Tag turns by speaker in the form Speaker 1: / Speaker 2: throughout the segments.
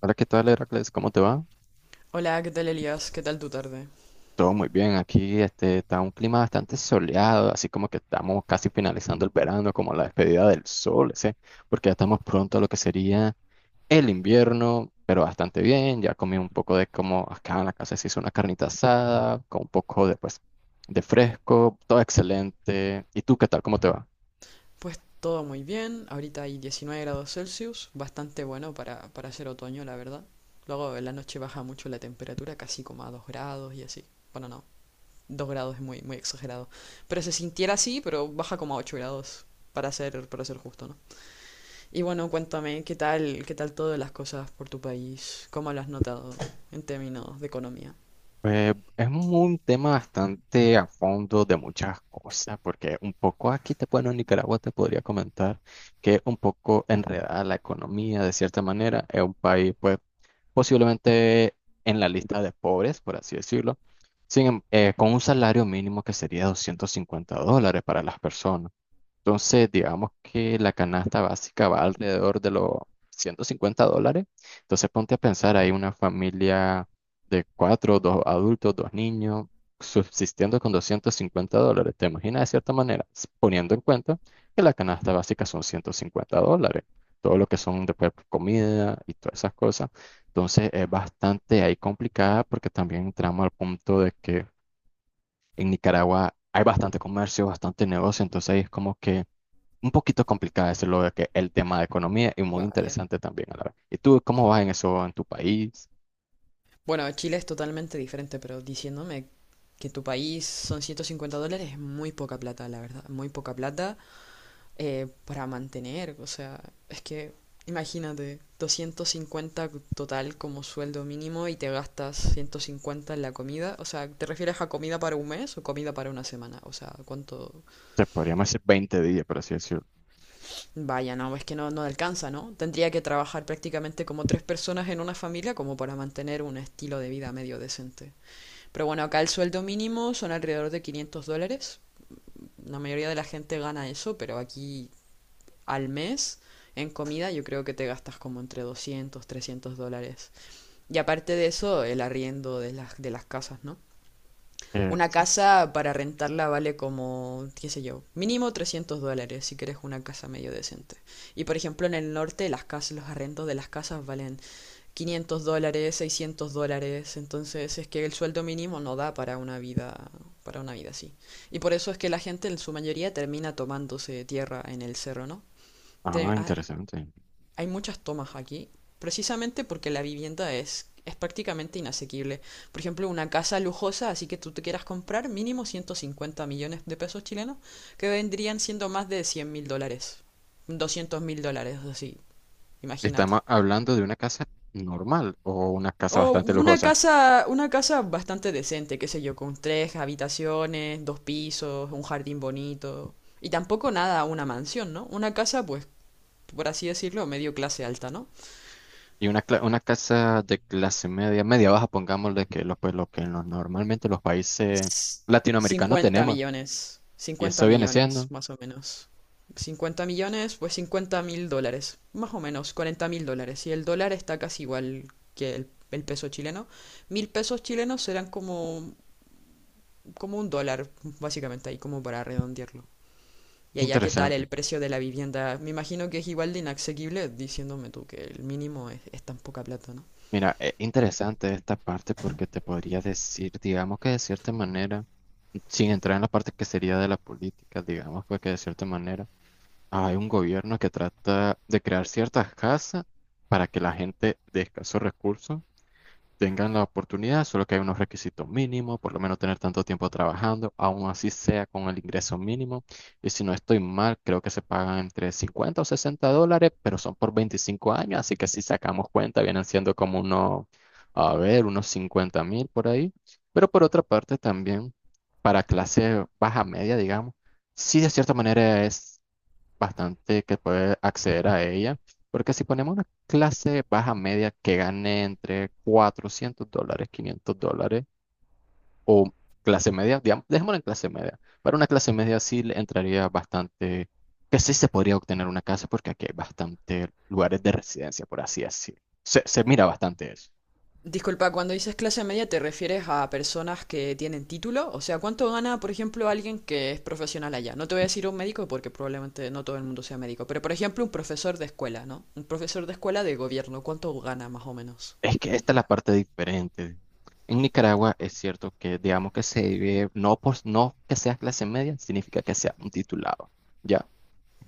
Speaker 1: Hola, ¿qué tal, Heracles? ¿Cómo te va?
Speaker 2: Hola, ¿qué tal Elías? ¿Qué tal tu tarde?
Speaker 1: Todo muy bien. Aquí está un clima bastante soleado, así como que estamos casi finalizando el verano, como la despedida del sol, ¿sí? Porque ya estamos pronto a lo que sería el invierno, pero bastante bien. Ya comí un poco de como acá en la casa se hizo una carnita asada, con un poco de, pues, de fresco, todo excelente. ¿Y tú qué tal? ¿Cómo te va?
Speaker 2: Pues todo muy bien, ahorita hay 19 grados Celsius, bastante bueno para hacer otoño, la verdad. Luego en la noche baja mucho la temperatura, casi como a 2 grados y así. Bueno, no, 2 grados es muy, muy exagerado. Pero se sintiera así, pero baja como a 8 grados, para ser justo, ¿no? Y bueno, cuéntame, qué tal todas las cosas por tu país? ¿Cómo lo has notado en términos de economía?
Speaker 1: Es un tema bastante a fondo de muchas cosas, porque un poco aquí te, bueno, en Nicaragua te podría comentar que es un poco enredada la economía de cierta manera. Es un país, pues, posiblemente en la lista de pobres, por así decirlo, sin, em- con un salario mínimo que sería $250 para las personas. Entonces, digamos que la canasta básica va alrededor de los $150. Entonces, ponte a pensar, hay una familia de cuatro, dos adultos, dos niños, subsistiendo con $250. ¿Te imaginas de cierta manera? Poniendo en cuenta que la canasta básica son $150. Todo lo que son después comida y todas esas cosas. Entonces, es bastante ahí complicada porque también entramos al punto de que en Nicaragua hay bastante comercio, bastante negocio. Entonces, ahí es como que un poquito complicado es lo de que el tema de economía y muy
Speaker 2: Vaya.
Speaker 1: interesante también a la vez. ¿Y tú cómo vas en eso en tu país?
Speaker 2: Bueno, Chile es totalmente diferente, pero diciéndome que tu país son $150, es muy poca plata, la verdad, muy poca plata para mantener, o sea, es que imagínate, 250 total como sueldo mínimo y te gastas 150 en la comida, o sea, ¿te refieres a comida para un mes o comida para una semana? O sea, ¿cuánto?
Speaker 1: Se podríamos decir 20 días, por así decirlo.
Speaker 2: Vaya, no, es que no, no alcanza, ¿no? Tendría que trabajar prácticamente como tres personas en una familia como para mantener un estilo de vida medio decente. Pero bueno, acá el sueldo mínimo son alrededor de $500, la mayoría de la gente gana eso, pero aquí al mes en comida yo creo que te gastas como entre 200, $300. Y aparte de eso, el arriendo de las casas, ¿no? Una
Speaker 1: Sí.
Speaker 2: casa para rentarla vale como, qué sé yo, mínimo $300 si quieres una casa medio decente. Y por ejemplo en el norte las casas, los arrendos de las casas valen 500 dólares, 600 dólares, entonces es que el sueldo mínimo no da para una vida así. Y por eso es que la gente en su mayoría termina tomándose tierra en el cerro, ¿no? Te-
Speaker 1: Ah,
Speaker 2: ha-
Speaker 1: interesante.
Speaker 2: Hay muchas tomas aquí, precisamente porque la vivienda es prácticamente inasequible. Por ejemplo, una casa lujosa, así que tú te quieras comprar mínimo 150 millones de pesos chilenos, que vendrían siendo más de 100 mil dólares, 200 mil dólares, así, imagínate.
Speaker 1: Estamos hablando de una casa normal o una casa
Speaker 2: O
Speaker 1: bastante lujosa
Speaker 2: una casa bastante decente, qué sé yo, con tres habitaciones, dos pisos, un jardín bonito. Y tampoco nada, una mansión, ¿no? Una casa, pues, por así decirlo, medio clase alta, ¿no?
Speaker 1: y una, una casa de clase media, media baja, pongámosle que lo, pues, lo que normalmente los países
Speaker 2: S-
Speaker 1: latinoamericanos
Speaker 2: 50
Speaker 1: tenemos
Speaker 2: millones.
Speaker 1: y eso
Speaker 2: Cincuenta
Speaker 1: viene
Speaker 2: millones,
Speaker 1: siendo
Speaker 2: más o menos. Cincuenta millones, pues 50 mil dólares. Más o menos, 40 mil dólares. Y el dólar está casi igual que el peso chileno. Mil pesos chilenos serán como, como un dólar, básicamente, ahí como para redondearlo. Y allá, ¿qué tal
Speaker 1: interesante.
Speaker 2: el precio de la vivienda? Me imagino que es igual de inasequible, diciéndome tú que el mínimo es tan poca plata, ¿no?
Speaker 1: Mira, es interesante esta parte porque te podría decir, digamos que de cierta manera, sin entrar en la parte que sería de la política, digamos pues que de cierta manera hay un gobierno que trata de crear ciertas casas para que la gente de escasos recursos tengan la oportunidad, solo que hay unos requisitos mínimos, por lo menos tener tanto tiempo trabajando, aún así sea con el ingreso mínimo. Y si no estoy mal, creo que se pagan entre $50 o $60, pero son por 25 años, así que si sacamos cuenta, vienen siendo como unos, a ver, unos 50.000 por ahí. Pero por otra parte, también para clase baja media, digamos, sí de cierta manera es bastante que puede acceder a ella, porque si ponemos una clase baja media que gane entre $400, $500, o clase media, digamos, dejémoslo en clase media, para una clase media sí le entraría bastante, que sí se podría obtener una casa, porque aquí hay bastante lugares de residencia, por así decirlo. Se mira bastante eso.
Speaker 2: Disculpa, cuando dices clase media, ¿te refieres a personas que tienen título? O sea, ¿cuánto gana, por ejemplo, alguien que es profesional allá? No te voy a decir un médico porque probablemente no todo el mundo sea médico, pero por ejemplo, un profesor de escuela, ¿no? Un profesor de escuela de gobierno, ¿cuánto gana más o menos?
Speaker 1: Es que esta es la parte diferente. En Nicaragua es cierto que digamos que se vive, no, por, no que seas clase media, significa que seas un titulado. ¿Ya?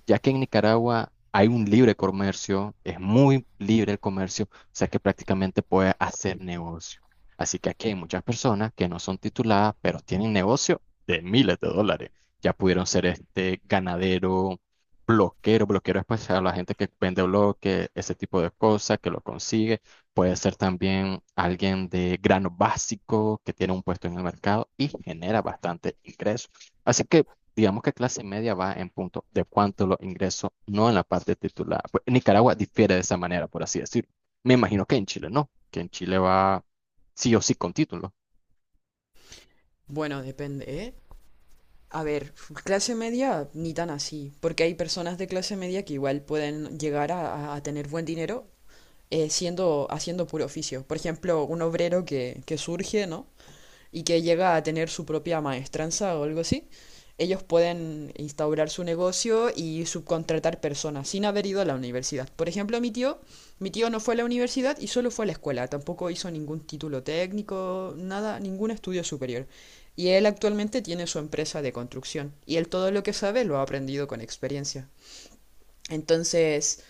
Speaker 1: Ya que en Nicaragua hay un libre comercio, es muy libre el comercio, o sea que prácticamente puede hacer negocio. Así que aquí hay muchas personas que no son tituladas, pero tienen negocio de miles de dólares. Ya pudieron ser este ganadero, bloquero, es pues a la gente que vende bloque ese tipo de cosas, que lo consigue. Puede ser también alguien de grano básico que tiene un puesto en el mercado y genera bastante ingreso. Así que digamos que clase media va en punto de cuánto los ingresos, no en la parte titular. Pues, en Nicaragua difiere de esa manera, por así decirlo. Me imagino que en Chile no, que en Chile va sí o sí con título.
Speaker 2: Bueno, depende, ¿eh? A ver, clase media ni tan así, porque hay personas de clase media que igual pueden llegar a, a tener buen dinero, siendo, haciendo puro oficio. Por ejemplo, un obrero que surge, ¿no? Y que llega a tener su propia maestranza o algo así. Ellos pueden instaurar su negocio y subcontratar personas sin haber ido a la universidad. Por ejemplo, mi tío no fue a la universidad y solo fue a la escuela. Tampoco hizo ningún título técnico, nada, ningún estudio superior. Y él actualmente tiene su empresa de construcción. Y él todo lo que sabe lo ha aprendido con experiencia. Entonces,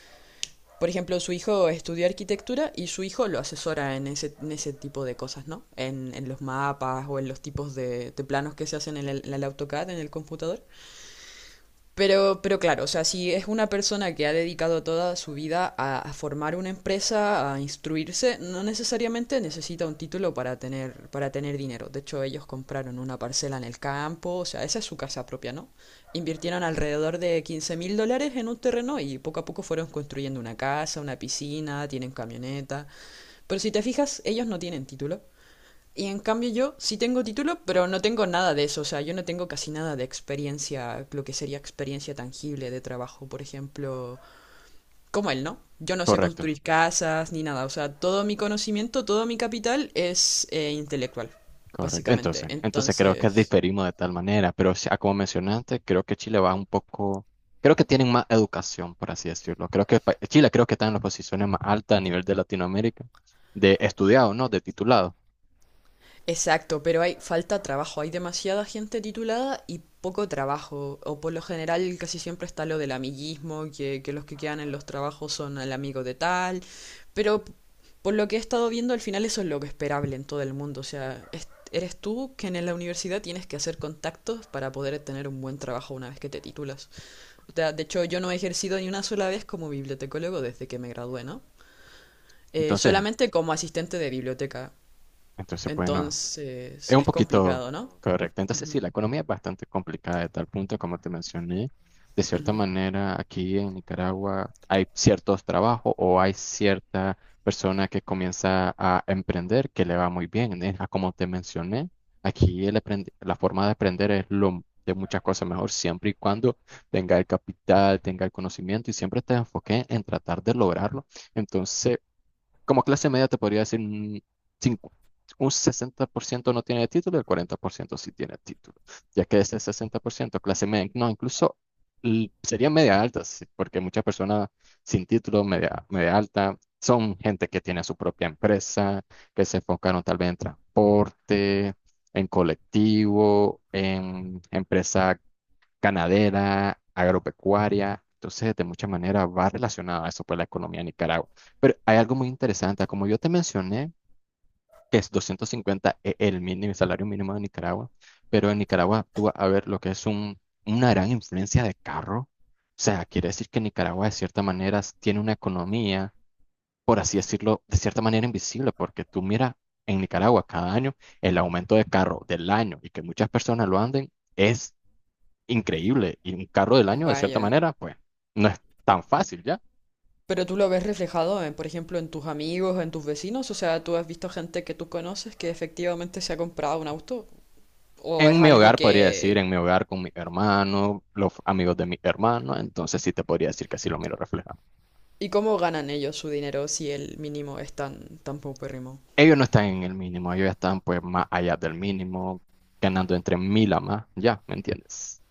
Speaker 2: por ejemplo, su hijo estudió arquitectura y su hijo lo asesora en ese tipo de cosas, ¿no? En los mapas o en los tipos de planos que se hacen en el AutoCAD, en el computador. Pero claro, o sea, si es una persona que ha dedicado toda su vida a formar una empresa, a instruirse, no necesariamente necesita un título para tener dinero. De hecho, ellos compraron una parcela en el campo, o sea, esa es su casa propia, ¿no? Invirtieron alrededor de 15 mil dólares en un terreno y poco a poco fueron construyendo una casa, una piscina, tienen camioneta. Pero si te fijas, ellos no tienen título. Y en cambio yo sí tengo título, pero no tengo nada de eso. O sea, yo no tengo casi nada de experiencia, lo que sería experiencia tangible de trabajo, por ejemplo, como él, ¿no? Yo no sé
Speaker 1: Correcto,
Speaker 2: construir casas ni nada. O sea, todo mi conocimiento, todo mi capital es intelectual,
Speaker 1: correcto.
Speaker 2: básicamente.
Speaker 1: Entonces, creo que
Speaker 2: Entonces,
Speaker 1: diferimos de tal manera, pero sí, ah, como mencionaste, creo que Chile va un poco, creo que tienen más educación, por así decirlo. Creo que Chile creo que está en las posiciones más altas a nivel de Latinoamérica, de estudiado, ¿no? De titulado.
Speaker 2: exacto, pero hay falta trabajo, hay demasiada gente titulada y poco trabajo, o por lo general casi siempre está lo del amiguismo, que los que quedan en los trabajos son el amigo de tal, pero p- por lo que he estado viendo al final eso es lo que esperable en todo el mundo, o sea, eres tú que en la universidad tienes que hacer contactos para poder tener un buen trabajo una vez que te titulas. O sea, de hecho yo no he ejercido ni una sola vez como bibliotecólogo desde que me gradué, ¿no?
Speaker 1: Entonces,
Speaker 2: Solamente como asistente de biblioteca.
Speaker 1: entonces, bueno. Es
Speaker 2: Entonces,
Speaker 1: un
Speaker 2: es
Speaker 1: poquito
Speaker 2: complicado, no.
Speaker 1: correcto. Entonces, sí,
Speaker 2: Ujú,
Speaker 1: la economía es bastante complicada de tal punto, como te mencioné. De cierta
Speaker 2: ujú.
Speaker 1: manera, aquí en Nicaragua hay ciertos trabajos o hay cierta persona que comienza a emprender que le va muy bien. ¿Eh? Ah, como te mencioné, aquí el la forma de aprender es lo de muchas cosas mejor, siempre y cuando tenga el capital, tenga el conocimiento y siempre te enfoque en tratar de lograrlo. Entonces, como clase media te podría decir un, cincu- un 60% no tiene título y el 40% sí tiene título, ya que ese 60% clase media, no, incluso sería media alta, sí, porque muchas personas sin título, media alta, son gente que tiene su propia empresa, que se enfocaron tal vez en transporte, en colectivo, en empresas ganadera, agropecuaria. Entonces, de muchas maneras va relacionado a eso, pues, la economía de Nicaragua. Pero hay algo muy interesante. Como yo te mencioné, que es 250 el mínimo, el salario mínimo de Nicaragua, pero en Nicaragua tú vas a ver lo que es un, una gran influencia de carro. O sea, quiere decir que Nicaragua, de cierta manera, tiene una economía, por así decirlo, de cierta manera invisible, porque tú miras en Nicaragua cada año el aumento de carro del año y que muchas personas lo anden. Es increíble y un carro del año, de cierta
Speaker 2: Vaya.
Speaker 1: manera, pues no es tan fácil ya.
Speaker 2: Pero tú lo ves reflejado, en, por ejemplo, en tus amigos, en tus vecinos. O sea, tú has visto gente que tú conoces que efectivamente se ha comprado un auto. O
Speaker 1: En
Speaker 2: es
Speaker 1: mi
Speaker 2: algo
Speaker 1: hogar podría decir,
Speaker 2: que...
Speaker 1: en mi hogar con mi hermano, los amigos de mi hermano, entonces sí te podría decir que sí lo miro reflejado.
Speaker 2: ¿Y cómo ganan ellos su dinero si el mínimo es tan, tan paupérrimo?
Speaker 1: Ellos no están en el mínimo, ellos están pues más allá del mínimo, ganando entre 1.000 a más, ya, ¿me entiendes?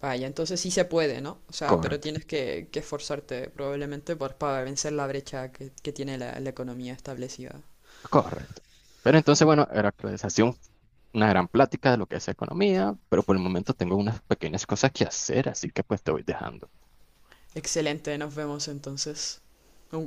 Speaker 2: Vaya, entonces sí se puede, ¿no? O sea, pero
Speaker 1: Correcto,
Speaker 2: tienes que esforzarte probablemente por, para vencer la brecha que tiene la, la economía establecida.
Speaker 1: correcto. Pero entonces, bueno, era actualización, una gran plática de lo que es economía, pero por el momento tengo unas pequeñas cosas que hacer, así que pues te voy dejando.
Speaker 2: Excelente, nos vemos entonces. Un